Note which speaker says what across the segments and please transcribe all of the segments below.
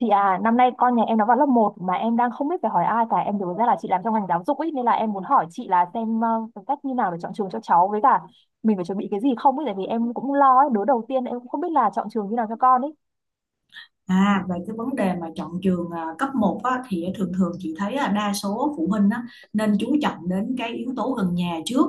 Speaker 1: Chị à, năm nay con nhà em nó vào lớp 1 mà em đang không biết phải hỏi ai cả. Em nhớ ra là chị làm trong ngành giáo dục ấy nên là em muốn hỏi chị là xem cái cách như nào để chọn trường cho cháu với cả mình phải chuẩn bị cái gì không ấy tại vì em cũng lo ấy, đứa đầu tiên em cũng không biết là chọn trường như nào cho con ấy.
Speaker 2: À, về cái vấn đề mà chọn trường à, cấp một á, thì thường thường chị thấy là đa số phụ huynh á, nên chú trọng đến cái yếu tố gần nhà trước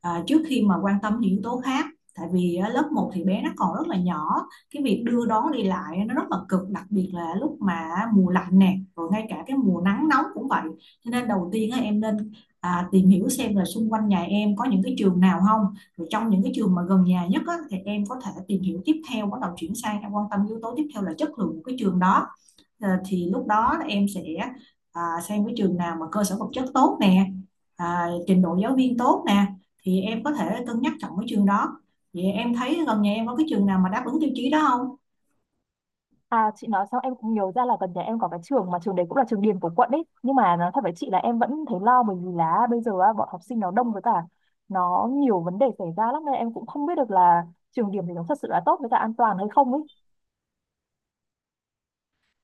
Speaker 2: trước khi mà quan tâm những yếu tố khác. Tại vì á, lớp một thì bé nó còn rất là nhỏ, cái việc đưa đón đi lại nó rất là cực, đặc biệt là lúc mà mùa lạnh nè, rồi ngay cả cái mùa nắng nóng cũng vậy. Cho nên đầu tiên á, em nên tìm hiểu xem là xung quanh nhà em có những cái trường nào không, rồi trong những cái trường mà gần nhà nhất á, thì em có thể tìm hiểu tiếp theo, bắt đầu chuyển sang em quan tâm yếu tố tiếp theo là chất lượng của cái trường đó. Ờ, thì lúc đó em sẽ à, xem cái trường nào mà cơ sở vật chất tốt nè, à, trình độ giáo viên tốt nè, thì em có thể cân nhắc chọn cái trường đó. Vậy em thấy gần nhà em có cái trường nào mà đáp ứng tiêu chí đó không?
Speaker 1: À chị nói xong em cũng nhớ ra là gần nhà em có cái trường mà trường đấy cũng là trường điểm của quận ấy. Nhưng mà nói thật với chị là em vẫn thấy lo bởi vì là bây giờ á, bọn học sinh nó đông với cả nó nhiều vấn đề xảy ra lắm nên em cũng không biết được là trường điểm thì nó thật sự là tốt với cả an toàn hay không ấy.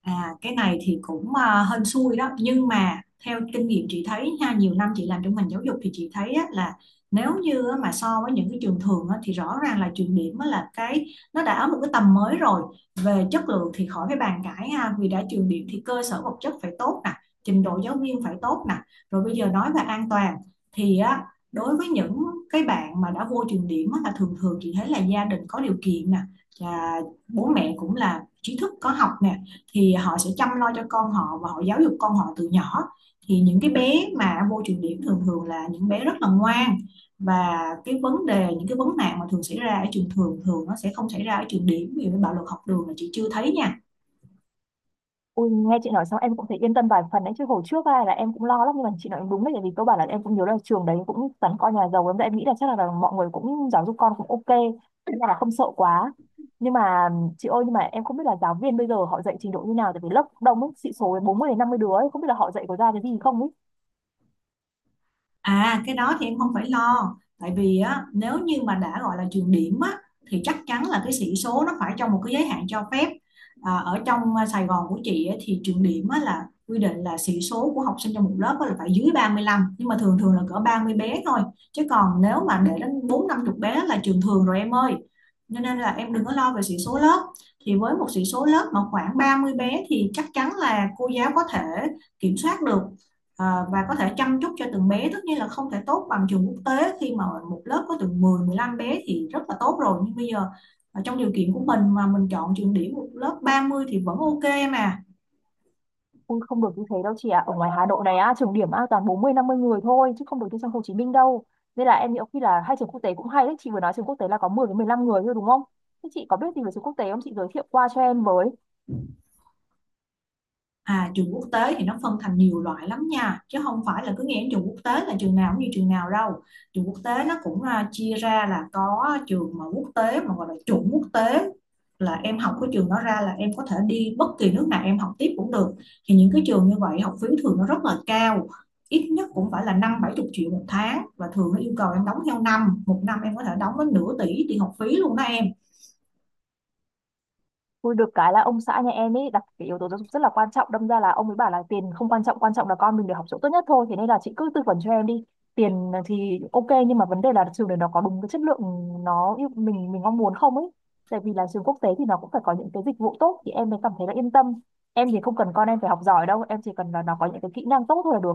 Speaker 2: À, cái này thì cũng à, hên xui đó, nhưng mà theo kinh nghiệm chị thấy nha, nhiều năm chị làm trong ngành giáo dục thì chị thấy á, là nếu như á, mà so với những cái trường thường á, thì rõ ràng là trường điểm á, là cái nó đã ở một cái tầm mới rồi. Về chất lượng thì khỏi phải bàn cãi ha, vì đã trường điểm thì cơ sở vật chất phải tốt nè, trình độ giáo viên phải tốt nè. Rồi bây giờ nói về an toàn thì á, đối với những cái bạn mà đã vô trường điểm á, là thường thường chị thấy là gia đình có điều kiện nè, và bố mẹ cũng là trí thức có học nè, thì họ sẽ chăm lo cho con họ và họ giáo dục con họ từ nhỏ, thì những cái bé mà vô trường điểm thường thường là những bé rất là ngoan. Và cái vấn đề những cái vấn nạn mà thường xảy ra ở trường thường thường nó sẽ không xảy ra ở trường điểm, vì bạo lực học đường là chị chưa thấy nha.
Speaker 1: Ui, nghe chị nói xong em cũng thấy yên tâm vài phần đấy chứ hồi trước ai là em cũng lo lắm nhưng mà chị nói đúng đấy tại vì cơ bản là em cũng nhớ là trường đấy cũng toàn con nhà giàu lắm, em nghĩ là chắc là mọi người cũng giáo dục con cũng ok, nên là không sợ quá. Nhưng mà chị ơi, nhưng mà em không biết là giáo viên bây giờ họ dạy trình độ như nào, tại vì lớp đông ấy, sĩ số 40 đến 50 đứa ấy, không biết là họ dạy có ra cái gì không.
Speaker 2: À, cái đó thì em không phải lo, tại vì á, nếu như mà đã gọi là trường điểm á, thì chắc chắn là cái sĩ số nó phải trong một cái giới hạn cho phép. À, ở trong à, Sài Gòn của chị á, thì trường điểm á, là quy định là sĩ số của học sinh trong một lớp á, là phải dưới 35, nhưng mà thường thường là cỡ 30 bé thôi, chứ còn nếu mà để đến bốn năm chục bé là trường thường rồi em ơi. Cho nên là em đừng có lo về sĩ số lớp, thì với một sĩ số lớp mà khoảng 30 bé thì chắc chắn là cô giáo có thể kiểm soát được. Ờ, và có thể chăm chút cho từng bé, tất nhiên là không thể tốt bằng trường quốc tế khi mà một lớp có từ 10 15 bé thì rất là tốt rồi, nhưng bây giờ trong điều kiện của mình mà mình chọn trường điểm một lớp 30 thì vẫn ok mà.
Speaker 1: Ui không được như thế đâu chị ạ. Ở ngoài Hà Nội này á, trường điểm á toàn 40 50 người thôi chứ không được như trong Hồ Chí Minh đâu. Nên là em nghĩ khi là hai trường quốc tế cũng hay đấy, chị vừa nói trường quốc tế là có 10 đến 15 người thôi đúng không? Thế chị có biết gì về trường quốc tế không? Chị giới thiệu qua cho em với.
Speaker 2: À, trường quốc tế thì nó phân thành nhiều loại lắm nha, chứ không phải là cứ nghĩ đến trường quốc tế là trường nào cũng như trường nào đâu. Trường quốc tế nó cũng à, chia ra là có trường mà quốc tế mà gọi là chuẩn quốc tế, là em học cái trường đó ra là em có thể đi bất kỳ nước nào em học tiếp cũng được. Thì những cái trường như vậy học phí thường nó rất là cao, ít nhất cũng phải là năm bảy chục triệu một tháng, và thường nó yêu cầu em đóng theo năm, một năm em có thể đóng đến nửa tỷ tiền học phí luôn đó em.
Speaker 1: Ui, được cái là ông xã nhà em ấy đặt cái yếu tố giáo dục rất là quan trọng, đâm ra là ông ấy bảo là tiền không quan trọng, quan trọng là con mình được học chỗ tốt nhất thôi, thế nên là chị cứ tư vấn cho em đi. Tiền thì ok nhưng mà vấn đề là trường đấy nó có đúng cái chất lượng nó yêu mình mong muốn không ấy, tại vì là trường quốc tế thì nó cũng phải có những cái dịch vụ tốt thì em mới cảm thấy là yên tâm. Em thì không cần con em phải học giỏi đâu, em chỉ cần là nó có những cái kỹ năng tốt thôi là được.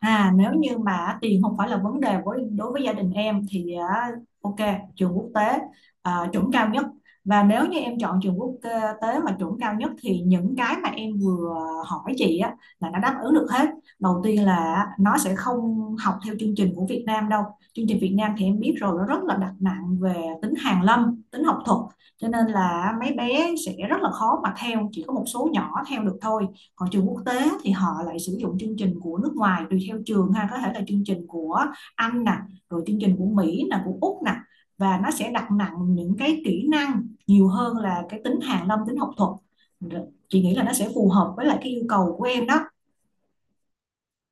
Speaker 2: À, nếu như mà tiền không phải là vấn đề với đối với gia đình em thì à, ok, trường quốc tế à, chuẩn cao nhất, và nếu như em chọn trường quốc tế mà chuẩn cao nhất thì những cái mà em vừa hỏi chị á, là nó đáp ứng được hết. Đầu tiên là nó sẽ không học theo chương trình của Việt Nam đâu, chương trình Việt Nam thì em biết rồi, nó rất là đặt nặng về tính hàn lâm, tính học thuật, cho nên là mấy bé sẽ rất là khó mà theo, chỉ có một số nhỏ theo được thôi. Còn trường quốc tế thì họ lại sử dụng chương trình của nước ngoài, tùy theo trường ha, có thể là chương trình của Anh nè, rồi chương trình của Mỹ nè, của Úc nè, và nó sẽ đặt nặng những cái kỹ năng nhiều hơn là cái tính hàn lâm, tính học thuật. Chị nghĩ là nó sẽ phù hợp với lại cái yêu cầu của em đó.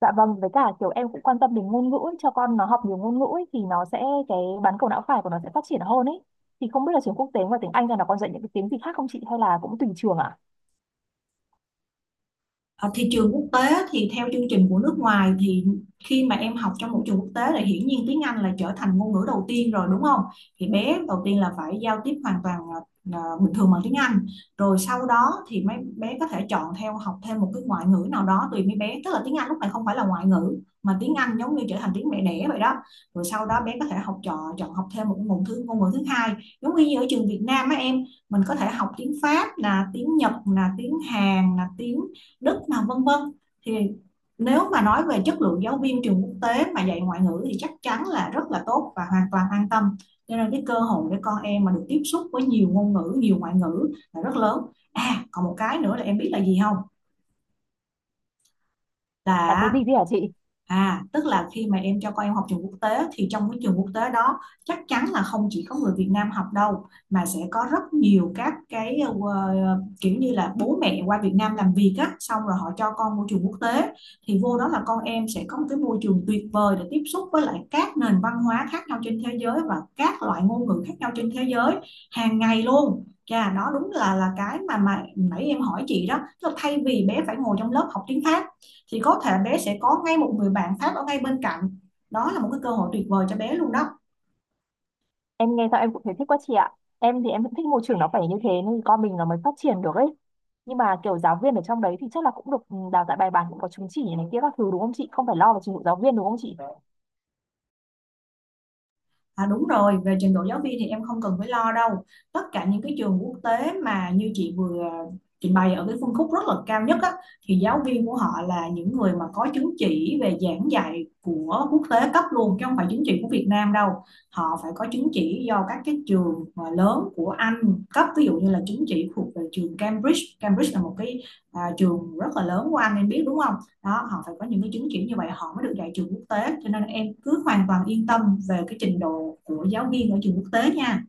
Speaker 1: Dạ vâng, với cả kiểu em cũng quan tâm đến ngôn ngữ ấy, cho con nó học nhiều ngôn ngữ ấy, thì nó sẽ cái bán cầu não phải của nó sẽ phát triển hơn ấy. Thì không biết là trường quốc tế ngoài tiếng Anh ra nó còn dạy những cái tiếng gì khác không chị, hay là cũng tùy trường ạ?
Speaker 2: Ở thị trường quốc tế thì theo chương trình của nước ngoài, thì khi mà em học trong môi trường quốc tế thì hiển nhiên tiếng Anh là trở thành ngôn ngữ đầu tiên rồi đúng không? Thì bé đầu tiên là phải giao tiếp hoàn toàn bình thường bằng tiếng Anh. Rồi sau đó thì mấy bé có thể chọn theo học thêm một cái ngoại ngữ nào đó tùy mấy bé. Tức là tiếng Anh lúc này không phải là ngoại ngữ, mà tiếng Anh giống như trở thành tiếng mẹ đẻ vậy đó. Rồi sau đó bé có thể học chọn chọn học thêm một ngôn ngữ thứ hai. Giống như ở trường Việt Nam á em, mình có thể học tiếng Pháp, là tiếng Nhật, là tiếng Hàn, là tiếng Đức nào vân vân, thì nếu mà nói về chất lượng giáo viên trường quốc tế mà dạy ngoại ngữ thì chắc chắn là rất là tốt và hoàn toàn an tâm. Cho nên cái cơ hội để con em mà được tiếp xúc với nhiều ngôn ngữ, nhiều ngoại ngữ là rất lớn. À, còn một cái nữa là em biết là gì không,
Speaker 1: Là cái
Speaker 2: là
Speaker 1: gì thế hả chị?
Speaker 2: À, tức là khi mà em cho con em học trường quốc tế thì trong cái trường quốc tế đó chắc chắn là không chỉ có người Việt Nam học đâu, mà sẽ có rất nhiều các cái kiểu như là bố mẹ qua Việt Nam làm việc á, xong rồi họ cho con môi trường quốc tế, thì vô đó là con em sẽ có một cái môi trường tuyệt vời để tiếp xúc với lại các nền văn hóa khác nhau trên thế giới, và các loại ngôn ngữ khác nhau trên thế giới hàng ngày luôn. Chà, đó đúng là cái mà nãy em hỏi chị đó, tức là thay vì bé phải ngồi trong lớp học tiếng Pháp thì có thể bé sẽ có ngay một người bạn Pháp ở ngay bên cạnh, đó là một cái cơ hội tuyệt vời cho bé luôn đó.
Speaker 1: Em nghe sao em cũng thấy thích quá chị ạ. Em thì em cũng thích môi trường nó phải như thế nên con mình nó mới phát triển được ấy. Nhưng mà kiểu giáo viên ở trong đấy thì chắc là cũng được đào tạo bài bản, cũng có chứng chỉ này kia các thứ đúng không chị? Không phải lo về trình độ giáo viên đúng không chị?
Speaker 2: À đúng rồi, về trình độ giáo viên thì em không cần phải lo đâu, tất cả những cái trường quốc tế mà như chị vừa trình bày ở cái phân khúc rất là cao nhất á, thì giáo viên của họ là những người mà có chứng chỉ về giảng dạy của quốc tế cấp luôn, chứ không phải chứng chỉ của Việt Nam đâu. Họ phải có chứng chỉ do các cái trường mà lớn của Anh cấp, ví dụ như là chứng chỉ thuộc về trường Cambridge, Cambridge là một cái à, trường rất là lớn của Anh em biết đúng không, đó họ phải có những cái chứng chỉ như vậy họ mới được dạy trường quốc tế, cho nên em cứ hoàn toàn yên tâm về cái trình độ của giáo viên ở trường quốc tế nha.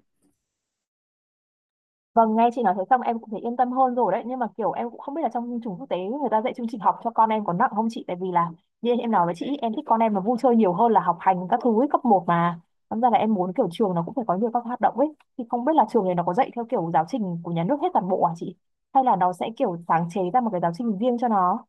Speaker 1: Vâng, nghe chị nói thế xong em cũng thấy yên tâm hơn rồi đấy. Nhưng mà kiểu em cũng không biết là trong chương trình quốc tế người ta dạy chương trình học cho con em có nặng không chị? Tại vì là như em nói với chị, em thích con em nó vui chơi nhiều hơn là học hành các thứ ấy, cấp 1 mà. Thành ra là em muốn kiểu trường nó cũng phải có nhiều các hoạt động ấy. Thì không biết là trường này nó có dạy theo kiểu giáo trình của nhà nước hết toàn bộ à chị? Hay là nó sẽ kiểu sáng chế ra một cái giáo trình riêng cho nó?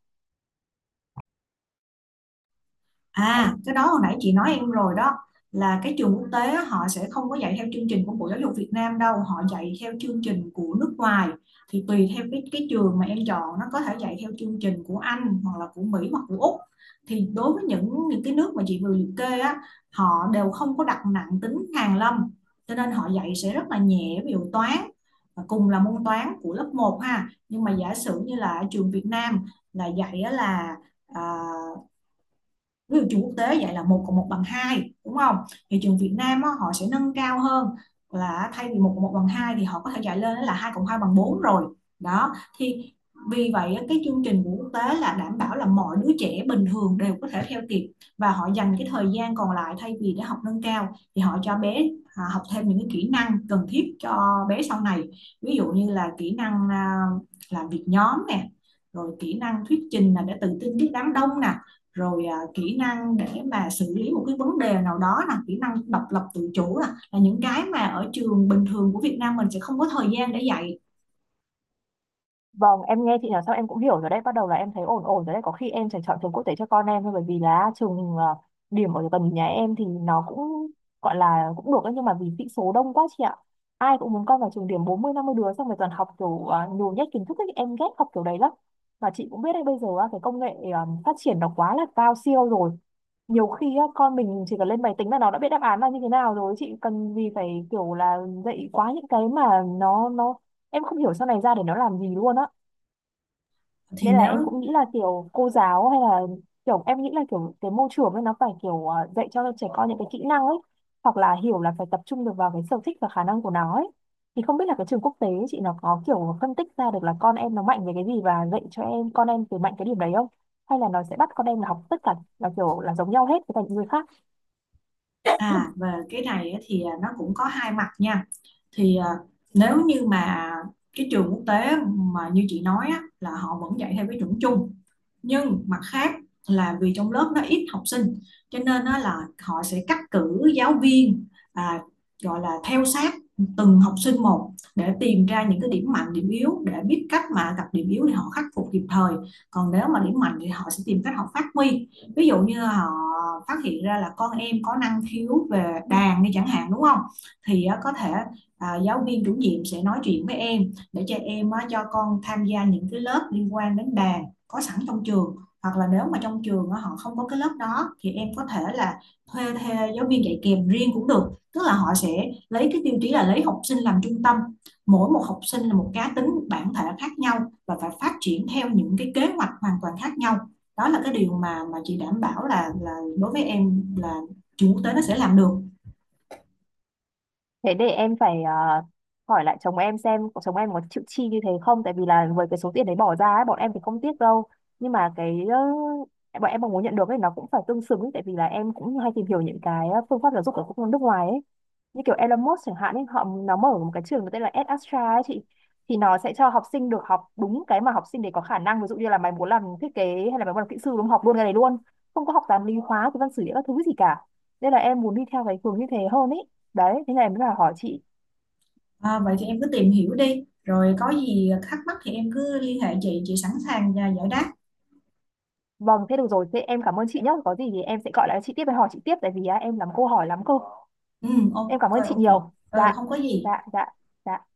Speaker 2: À, cái đó hồi nãy chị nói em rồi đó, là cái trường quốc tế á, họ sẽ không có dạy theo chương trình của Bộ Giáo dục Việt Nam đâu, họ dạy theo chương trình của nước ngoài. Thì tùy theo cái trường mà em chọn, nó có thể dạy theo chương trình của Anh hoặc là của Mỹ hoặc của Úc. Thì đối với những cái nước mà chị vừa liệt kê á, họ đều không có đặt nặng tính hàn lâm, cho nên họ dạy sẽ rất là nhẹ, ví dụ toán và cùng là môn toán của lớp một ha. Nhưng mà giả sử như là ở trường Việt Nam là dạy á là à, ví dụ trường quốc tế dạy là một cộng một bằng hai đúng không, thì trường Việt Nam á, họ sẽ nâng cao hơn, là thay vì một cộng một bằng hai thì họ có thể dạy lên là hai cộng hai bằng bốn rồi đó. Thì vì vậy cái chương trình của quốc tế là đảm bảo là mọi đứa trẻ bình thường đều có thể theo kịp, và họ dành cái thời gian còn lại thay vì để học nâng cao thì họ cho bé học thêm những cái kỹ năng cần thiết cho bé sau này, ví dụ như là kỹ năng à, làm việc nhóm nè, rồi kỹ năng thuyết trình là để tự tin trước đám đông nè, rồi à, kỹ năng để mà xử lý một cái vấn đề nào đó, là kỹ năng độc lập tự chủ, là những cái mà ở trường bình thường của Việt Nam mình sẽ không có thời gian để dạy.
Speaker 1: Vâng, em nghe chị nói xong em cũng hiểu rồi đấy, bắt đầu là em thấy ổn ổn rồi đấy, có khi em sẽ chọn trường quốc tế cho con em thôi, bởi vì là trường điểm ở gần nhà em thì nó cũng gọi là cũng được ấy, nhưng mà vì sĩ số đông quá chị ạ. Ai cũng muốn con vào trường điểm, 40 50 đứa xong rồi toàn học kiểu nhồi nhét kiến thức ấy, em ghét học kiểu đấy lắm. Mà chị cũng biết đấy bây giờ á, cái công nghệ phát triển nó quá là cao siêu rồi. Nhiều khi á, con mình chỉ cần lên máy tính là nó đã biết đáp án là như thế nào rồi, chị cần gì phải kiểu là dạy quá những cái mà nó em không hiểu sau này ra để nó làm gì luôn á,
Speaker 2: Thì
Speaker 1: nên là
Speaker 2: nếu
Speaker 1: em cũng nghĩ là kiểu cô giáo hay là kiểu em nghĩ là kiểu cái môi trường ấy nó phải kiểu dạy cho trẻ con những cái kỹ năng ấy, hoặc là hiểu là phải tập trung được vào cái sở thích và khả năng của nó ấy. Thì không biết là cái trường quốc tế chị nó có kiểu phân tích ra được là con em nó mạnh về cái gì và dạy cho em con em từ mạnh cái điểm đấy không, hay là nó sẽ bắt con em là học tất cả là kiểu là giống nhau hết với cả những người khác.
Speaker 2: À, về cái này thì à, nó cũng có hai mặt nha. Thì à, nếu như mà cái trường quốc tế mà như chị nói á, là họ vẫn dạy theo cái chuẩn chung, nhưng mặt khác là vì trong lớp nó ít học sinh, cho nên á, là họ sẽ cắt cử giáo viên à, gọi là theo sát từng học sinh một, để tìm ra những cái điểm mạnh điểm yếu, để biết cách mà gặp điểm yếu thì họ khắc phục kịp thời, còn nếu mà điểm mạnh thì họ sẽ tìm cách họ phát huy. Ví dụ như họ phát hiện ra là con em có năng khiếu về đàn đi chẳng hạn, đúng không, thì á, có thể à, giáo viên chủ nhiệm sẽ nói chuyện với em để cho em á, cho con tham gia những cái lớp liên quan đến đàn có sẵn trong trường, hoặc là nếu mà trong trường á, họ không có cái lớp đó thì em có thể là thuê giáo viên dạy kèm riêng cũng được. Tức là họ sẽ lấy cái tiêu chí là lấy học sinh làm trung tâm, mỗi một học sinh là một cá tính bản thể khác nhau, và phải phát triển theo những cái kế hoạch hoàn toàn khác nhau. Đó là cái điều mà chị đảm bảo là đối với em là trường quốc tế nó sẽ làm được.
Speaker 1: Thế để em phải hỏi lại chồng em xem chồng em có chịu chi như thế không, tại vì là với cái số tiền đấy bỏ ra ấy, bọn em thì không tiếc đâu, nhưng mà cái bọn em mong muốn nhận được ấy nó cũng phải tương xứng ấy, tại vì là em cũng hay tìm hiểu những cái phương pháp giáo dục ở các nước ngoài ấy, như kiểu Elon Musk chẳng hạn ấy, họ nó mở một cái trường có tên là EdAstra ấy chị, thì nó sẽ cho học sinh được học đúng cái mà học sinh để có khả năng, ví dụ như là mày muốn làm thiết kế hay là mày muốn làm kỹ sư đúng không? Học luôn cái này luôn, không có học toán lý hóa cái văn sử địa các thứ gì cả, nên là em muốn đi theo cái hướng như thế hơn ấy. Đấy thế này em mới là hỏi chị.
Speaker 2: À, vậy thì em cứ tìm hiểu đi, rồi có gì thắc mắc thì em cứ liên hệ chị sẵn sàng và giải đáp.
Speaker 1: Vâng thế được rồi, thế em cảm ơn chị nhé, có gì thì em sẽ gọi lại chị tiếp và hỏi chị tiếp tại vì á, em làm câu hỏi lắm cơ.
Speaker 2: Ừ, ok,
Speaker 1: Em cảm ơn chị
Speaker 2: ok.
Speaker 1: nhiều.
Speaker 2: Ừ,
Speaker 1: Dạ,
Speaker 2: không có gì.
Speaker 1: dạ, dạ, dạ.